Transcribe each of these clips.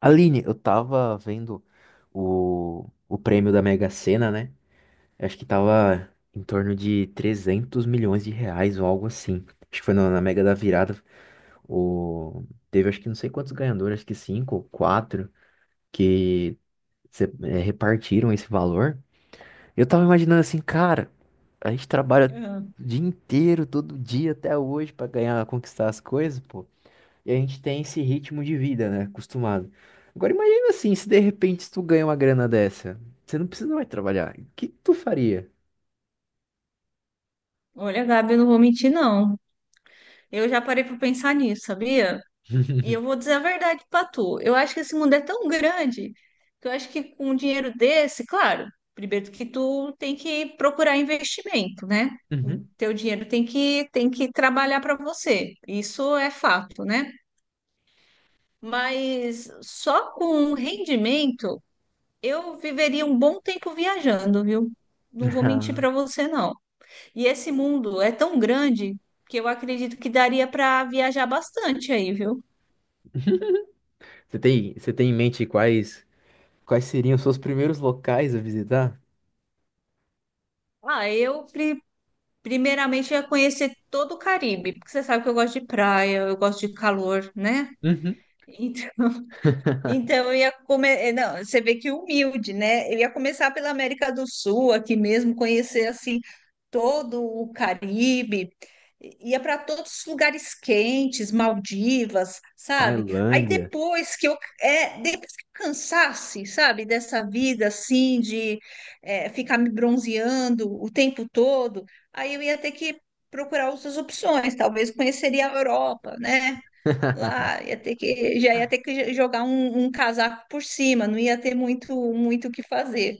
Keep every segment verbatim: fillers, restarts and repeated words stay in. Aline, eu tava vendo o, o prêmio da Mega Sena, né? Acho que tava em torno de trezentos milhões de reais ou algo assim. Acho que foi na, na Mega da Virada. O, Teve acho que não sei quantos ganhadores, acho que cinco ou quatro, que se- eh, repartiram esse valor. Eu tava imaginando assim, cara, a gente trabalha Ah, o dia inteiro, todo dia até hoje pra ganhar, conquistar as coisas, pô. E a gente tem esse ritmo de vida, né? Acostumado. Agora imagina assim, se de repente tu ganha uma grana dessa, você não precisa mais trabalhar. O que que tu faria? olha, Gabi, eu não vou mentir, não. Eu já parei para pensar nisso, sabia? E eu vou dizer a verdade para tu. Eu acho que esse mundo é tão grande que eu acho que com um dinheiro desse, claro, primeiro que tu tem que procurar investimento, né? O Uhum. teu dinheiro tem que, tem que trabalhar para você. Isso é fato, né? Mas só com um rendimento eu viveria um bom tempo viajando, viu? Não vou mentir Ah. para você, não. E esse mundo é tão grande que eu acredito que daria para viajar bastante aí, viu? Você tem, você tem em mente quais, quais seriam os seus primeiros locais a visitar? Ah, eu pri- Primeiramente ia conhecer todo o Caribe, porque você sabe que eu gosto de praia, eu gosto de calor, né? Uhum. Então, Então, eu ia começar. Não, você vê que humilde, né? Eu ia começar pela América do Sul, aqui mesmo, conhecer assim todo o Caribe, ia para todos os lugares quentes, Maldivas, sabe? Aí Tailândia. depois que eu, é, depois que eu cansasse, sabe, dessa vida assim, de é, ficar me bronzeando o tempo todo, aí eu ia ter que procurar outras opções, talvez conheceria a Europa, né? Lá ia ter que, já ia ter que jogar um, um casaco por cima, não ia ter muito muito o que fazer.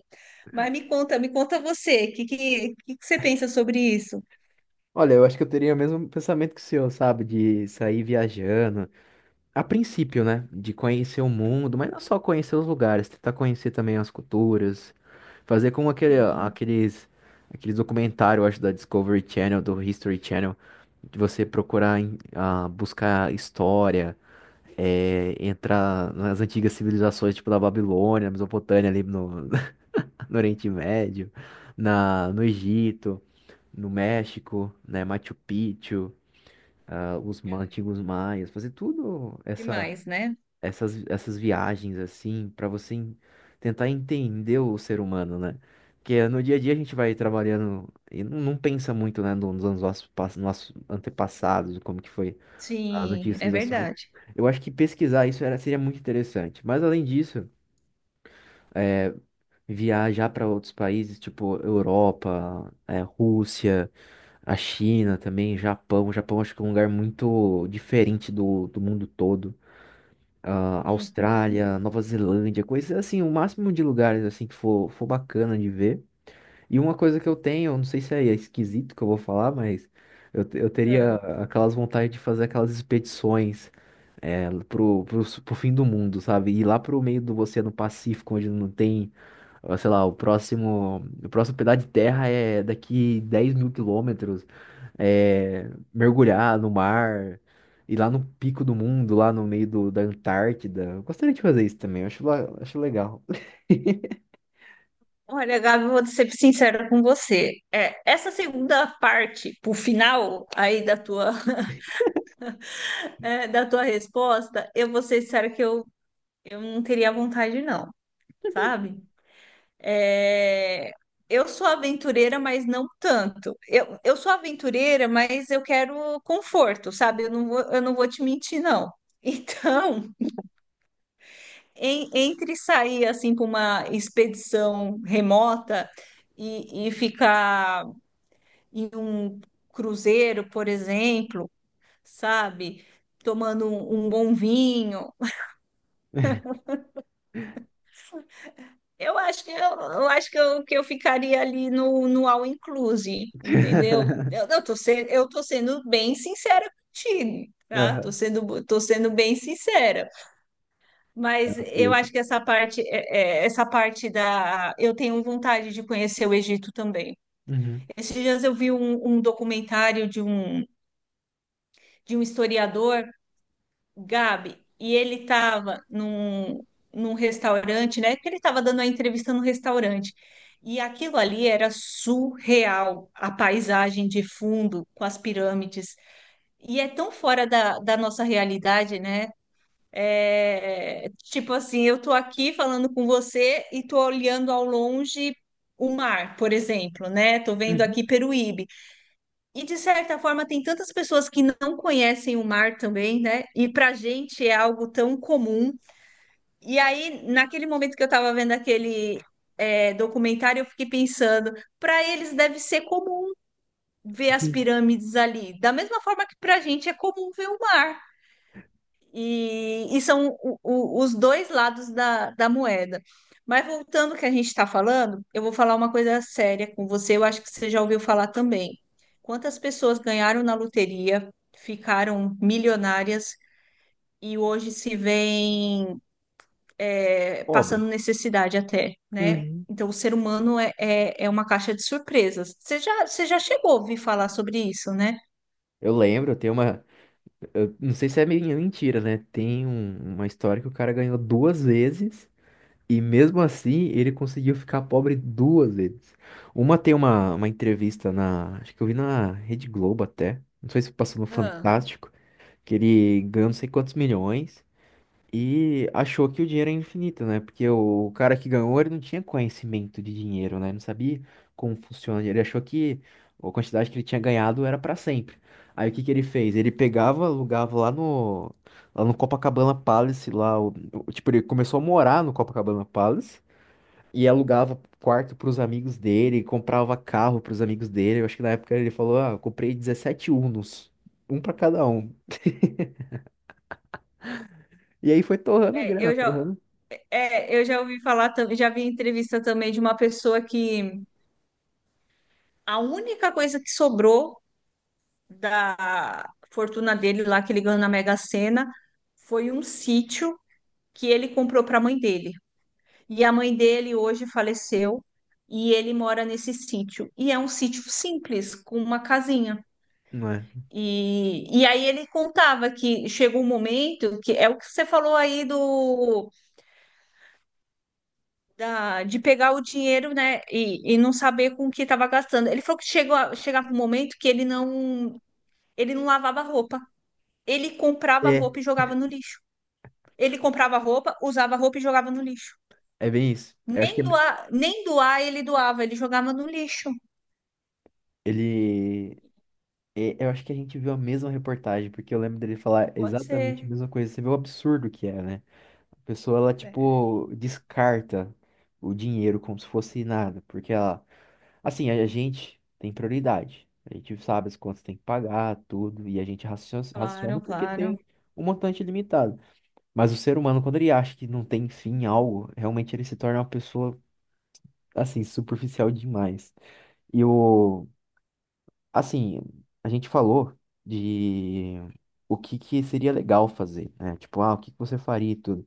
Mas me conta, me conta você, o que, que, que que você pensa sobre isso? Olha, eu acho que eu teria o mesmo pensamento que o senhor, sabe? De sair viajando, a princípio, né? De conhecer o mundo, mas não só conhecer os lugares, tentar conhecer também as culturas, fazer como aquele, Sim, aqueles, aqueles documentários, eu acho, da Discovery Channel, do History Channel, de você procurar em- ah, buscar história, eh, entrar nas antigas civilizações, tipo da Babilônia, Mesopotâmia, ali no, no Oriente Médio, na, no Egito, no México, né? Machu Picchu, ah, os ma- é. antigos maias, fazer tudo essa Demais, né? essas, essas viagens assim, pra você en- tentar entender o ser humano, né? Porque no dia a dia a gente vai trabalhando e não, não pensa muito, né, no- nos nossos, pass- nossos antepassados, como que foi as Sim, antigas é civilizações. verdade. Eu acho que pesquisar isso era, seria muito interessante. Mas além disso, é, viajar para outros países, tipo Europa, é, Rússia, a China também, Japão. O Japão acho que é um lugar muito diferente do, do mundo todo. ah, Uhum. Austrália, Nova Zelândia, coisas assim, o máximo de lugares assim que for, for bacana de ver. E uma coisa que eu tenho, eu não sei se é esquisito que eu vou falar, mas eu, te- eu teria É. aquelas vontade de fazer aquelas expedições é, pro, pro, pro fim do mundo, sabe? Ir lá pro meio do Oceano Pacífico, onde não tem ou, Sei lá, o próximo, o próximo pedaço de terra é daqui dez mil quilômetros, é, mergulhar no mar, ir lá no pico do mundo, lá no meio do- da Antártida. Eu gostaria de fazer isso também, eu acho, la- acho legal. Olha, Gabi, eu vou ser sincera com você. É, essa segunda parte, pro final aí da tua, é, da tua resposta, eu vou ser sincera que eu, eu não teria vontade, não, sabe? É, eu sou aventureira, mas não tanto. Eu, eu sou aventureira, mas eu quero conforto, sabe? Eu não vou, eu não vou te mentir, não. Então, em- entre sair assim para uma expedição remota e, e ficar em um cruzeiro, por exemplo, sabe? Tomando um, um bom vinho. Eu acho que eu, eu acho que eu, que eu ficaria ali no, no all inclusive, entendeu? Eu, eu tô sendo, eu tô sendo bem sincera contigo, tá? Tô Aham, sendo, tô sendo bem sincera. Mas eu eu que- acho que essa parte, é- é, essa parte da, eu tenho vontade de conhecer o Egito também. Uhum. Esses dias eu vi um, um documentário de um, de um historiador, Gabi, e ele estava num, num restaurante, né? Que ele estava dando a entrevista no restaurante. E aquilo ali era surreal, a paisagem de fundo com as pirâmides. E é tão fora da, da nossa realidade, né? É, tipo assim, eu tô aqui falando com você e tô olhando ao longe o mar, por exemplo, né? Tô vendo aqui Uhum. Peruíbe. E de certa forma, tem tantas pessoas que não conhecem o mar também, né? E pra gente é algo tão comum. E aí, naquele momento que eu tava vendo aquele é, documentário, eu fiquei pensando, pra eles deve ser comum ver as Sim. pirâmides ali, da mesma forma que pra gente é comum ver o mar. E, e são o- o- os dois lados da, da moeda. Mas voltando ao que a gente está falando, eu vou falar uma coisa séria com você. Eu acho que você já ouviu falar também. Quantas pessoas ganharam na loteria, ficaram milionárias e hoje se veem é, passando Pobre. necessidade até, né? Uhum. Então, o ser humano é, é, é uma caixa de surpresas. Você já, você já chegou a ouvir falar sobre isso, né? Eu lembro, tem uma. Eu não sei se é meio mentira, né? Tem um- uma história que o cara ganhou duas vezes. E mesmo assim, ele conseguiu ficar pobre duas vezes. Uma tem uma, uma entrevista na. Acho que eu vi na Rede Globo até. Não sei se passou no Ah, Fantástico. Que ele ganhou não sei quantos milhões. E achou que o dinheiro é infinito, né? Porque o cara que ganhou, ele não tinha conhecimento de dinheiro, né? Ele não sabia como funciona. Ele achou que a quantidade que ele tinha ganhado era pra sempre. Aí o que que ele fez? Ele pegava, alugava lá no, lá no Copacabana Palace, lá. O- o- tipo, ele começou a morar no Copacabana Palace. E alugava quarto pros amigos dele, comprava carro pros amigos dele. Eu acho que na época ele falou, ah, eu comprei dezessete Unos, um pra cada um. E aí foi torrando a É, grana, eu já, torrando. É, eu já ouvi falar, tam- já vi entrevista também de uma pessoa que a única coisa que sobrou da fortuna dele lá que ele ganhou na Mega Sena foi um sítio que ele comprou para a mãe dele. E a mãe dele hoje faleceu e ele mora nesse sítio. E é um sítio simples, com uma casinha. Não é? E, e aí ele contava que chegou um momento que é o que você falou aí do da- de pegar o dinheiro, né, e, e não saber com o que estava gastando. Ele falou que chegou a, chegava um momento que ele não, ele não lavava roupa. Ele comprava É. roupa e jogava no lixo. Ele comprava roupa, usava roupa e jogava no lixo. É bem isso. Eu acho que Nem doar, nem doar ele doava, ele jogava no lixo. ele. é, Eu acho que a gente viu a mesma reportagem, porque eu lembro dele falar Pode exatamente a ser. mesma coisa. Você vê o absurdo que é, né? A pessoa, ela, É, tipo, descarta o dinheiro como se fosse nada, porque ela. Assim, a gente tem prioridade. A gente sabe as contas tem que pagar, tudo, e a gente racio- raciona claro, porque claro. tem um montante limitado. Mas o ser humano, quando ele acha que não tem fim em algo, realmente ele se torna uma pessoa, assim, superficial demais. E o, assim, a gente falou de o que que seria legal fazer, né? Tipo, ah, o que que você faria e tudo.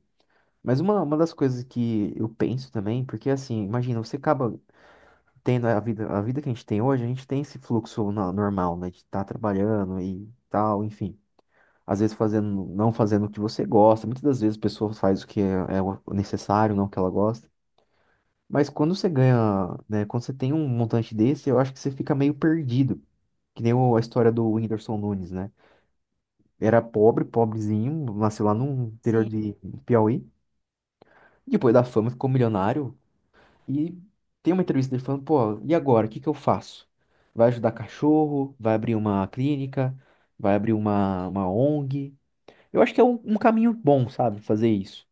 Mas uma, uma das coisas que eu penso também, porque assim, imagina, você acaba tendo a vida, a vida que a gente tem hoje, a gente tem esse fluxo no- normal, né? De estar trabalhando e tal, enfim. Às vezes fazendo, não fazendo o que você gosta. Muitas das vezes a pessoa faz o que é, é o necessário, não o que ela gosta. Mas quando você ganha, né? Quando você tem um montante desse, eu acho que você fica meio perdido. Que nem o- a história do Whindersson Nunes, né? Era pobre, pobrezinho, nasceu lá no interior Sim, de Piauí. Depois da fama ficou milionário. E tem uma entrevista dele falando, pô, e agora, o que que eu faço? Vai ajudar cachorro? Vai abrir uma clínica? Vai abrir uma, uma ONG? Eu acho que é um, um caminho bom, sabe, fazer isso.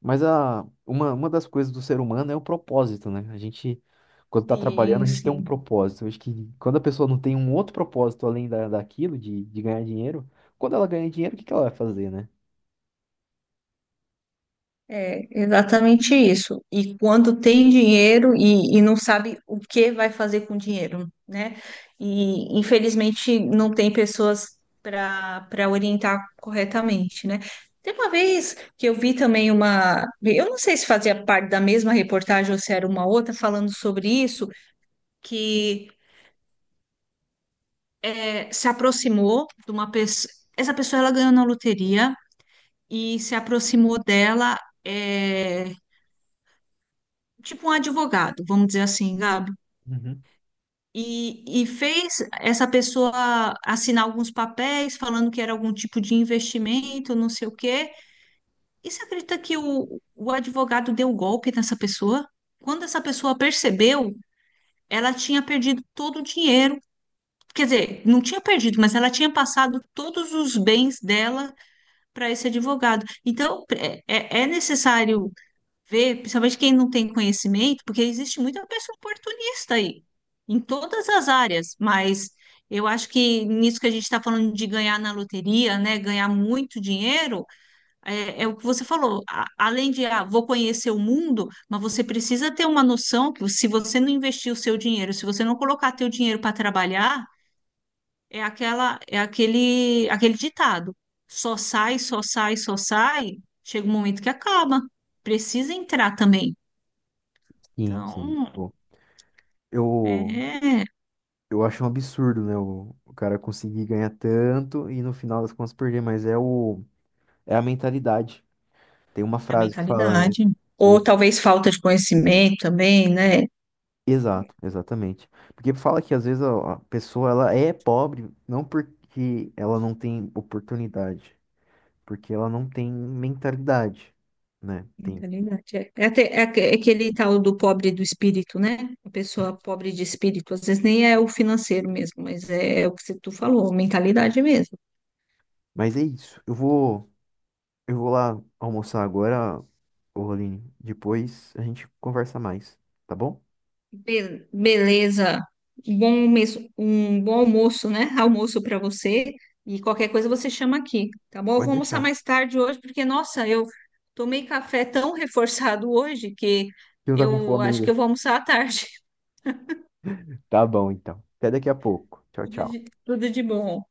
Mas a, uma, uma das coisas do ser humano é o propósito, né? A gente, quando tá trabalhando, a sim, gente tem um sim. propósito. Eu acho que quando a pessoa não tem um outro propósito além da, daquilo, de, de ganhar dinheiro, quando ela ganha dinheiro, o que que ela vai fazer, né? É exatamente isso. E quando tem dinheiro e, e não sabe o que vai fazer com o dinheiro, né? E infelizmente não tem pessoas para para orientar corretamente, né? Tem uma vez que eu vi também uma, eu não sei se fazia parte da mesma reportagem ou se era uma outra falando sobre isso, que é, se aproximou de uma pessoa. Essa pessoa ela ganhou na loteria e se aproximou dela. é, tipo um advogado, vamos dizer assim, Gabi, Uhum. e, e fez essa pessoa assinar alguns papéis falando que era algum tipo de investimento, não sei o quê. E você acredita que o, o advogado deu golpe nessa pessoa? Quando essa pessoa percebeu, ela tinha perdido todo o dinheiro. Quer dizer, não tinha perdido, mas ela tinha passado todos os bens dela para esse advogado. Então, é, é é necessário ver, principalmente quem não tem conhecimento, porque existe muita pessoa oportunista aí, em todas as áreas, mas eu acho que nisso que a gente está falando de ganhar na loteria, né, ganhar muito dinheiro, é, é o que você falou, a- além de, ah, vou conhecer o mundo, mas você precisa ter uma noção que se você não investir o seu dinheiro, se você não colocar teu dinheiro para trabalhar, é aquela, é aquele, aquele ditado, só sai, só sai, só sai, chega um momento que acaba, precisa entrar também. Sim, sim. Então, Pô, eu é Eu acho um absurdo, né? O, o cara conseguir ganhar tanto e no final das contas perder, mas é o é a mentalidade. Tem uma a frase que fala, né? mentalidade. o- Ou talvez falta de conhecimento também, né? Exato, exatamente. Porque fala que às vezes a, a pessoa ela é pobre não porque ela não tem oportunidade, porque ela não tem mentalidade, né? Tem. Mentalidade. É, é até- é aque- é aquele tal do pobre do espírito, né? A pessoa pobre de espírito, às vezes nem é o financeiro mesmo, mas é o que você- tu falou, mentalidade mesmo. Mas é isso. Eu vou eu vou lá almoçar agora, ô Aline. Depois a gente conversa mais, tá bom? Be- beleza. Bom almoço, um bom almoço, né? Almoço para você. E qualquer coisa você chama aqui, tá bom? Eu Pode vou almoçar deixar. mais tarde hoje, porque, nossa, eu tomei café tão reforçado hoje que Você não tá com eu fome acho que ainda. eu vou almoçar à tarde. Tá bom, então. Até daqui a pouco. Tchau, Tudo de, tchau. tudo de bom.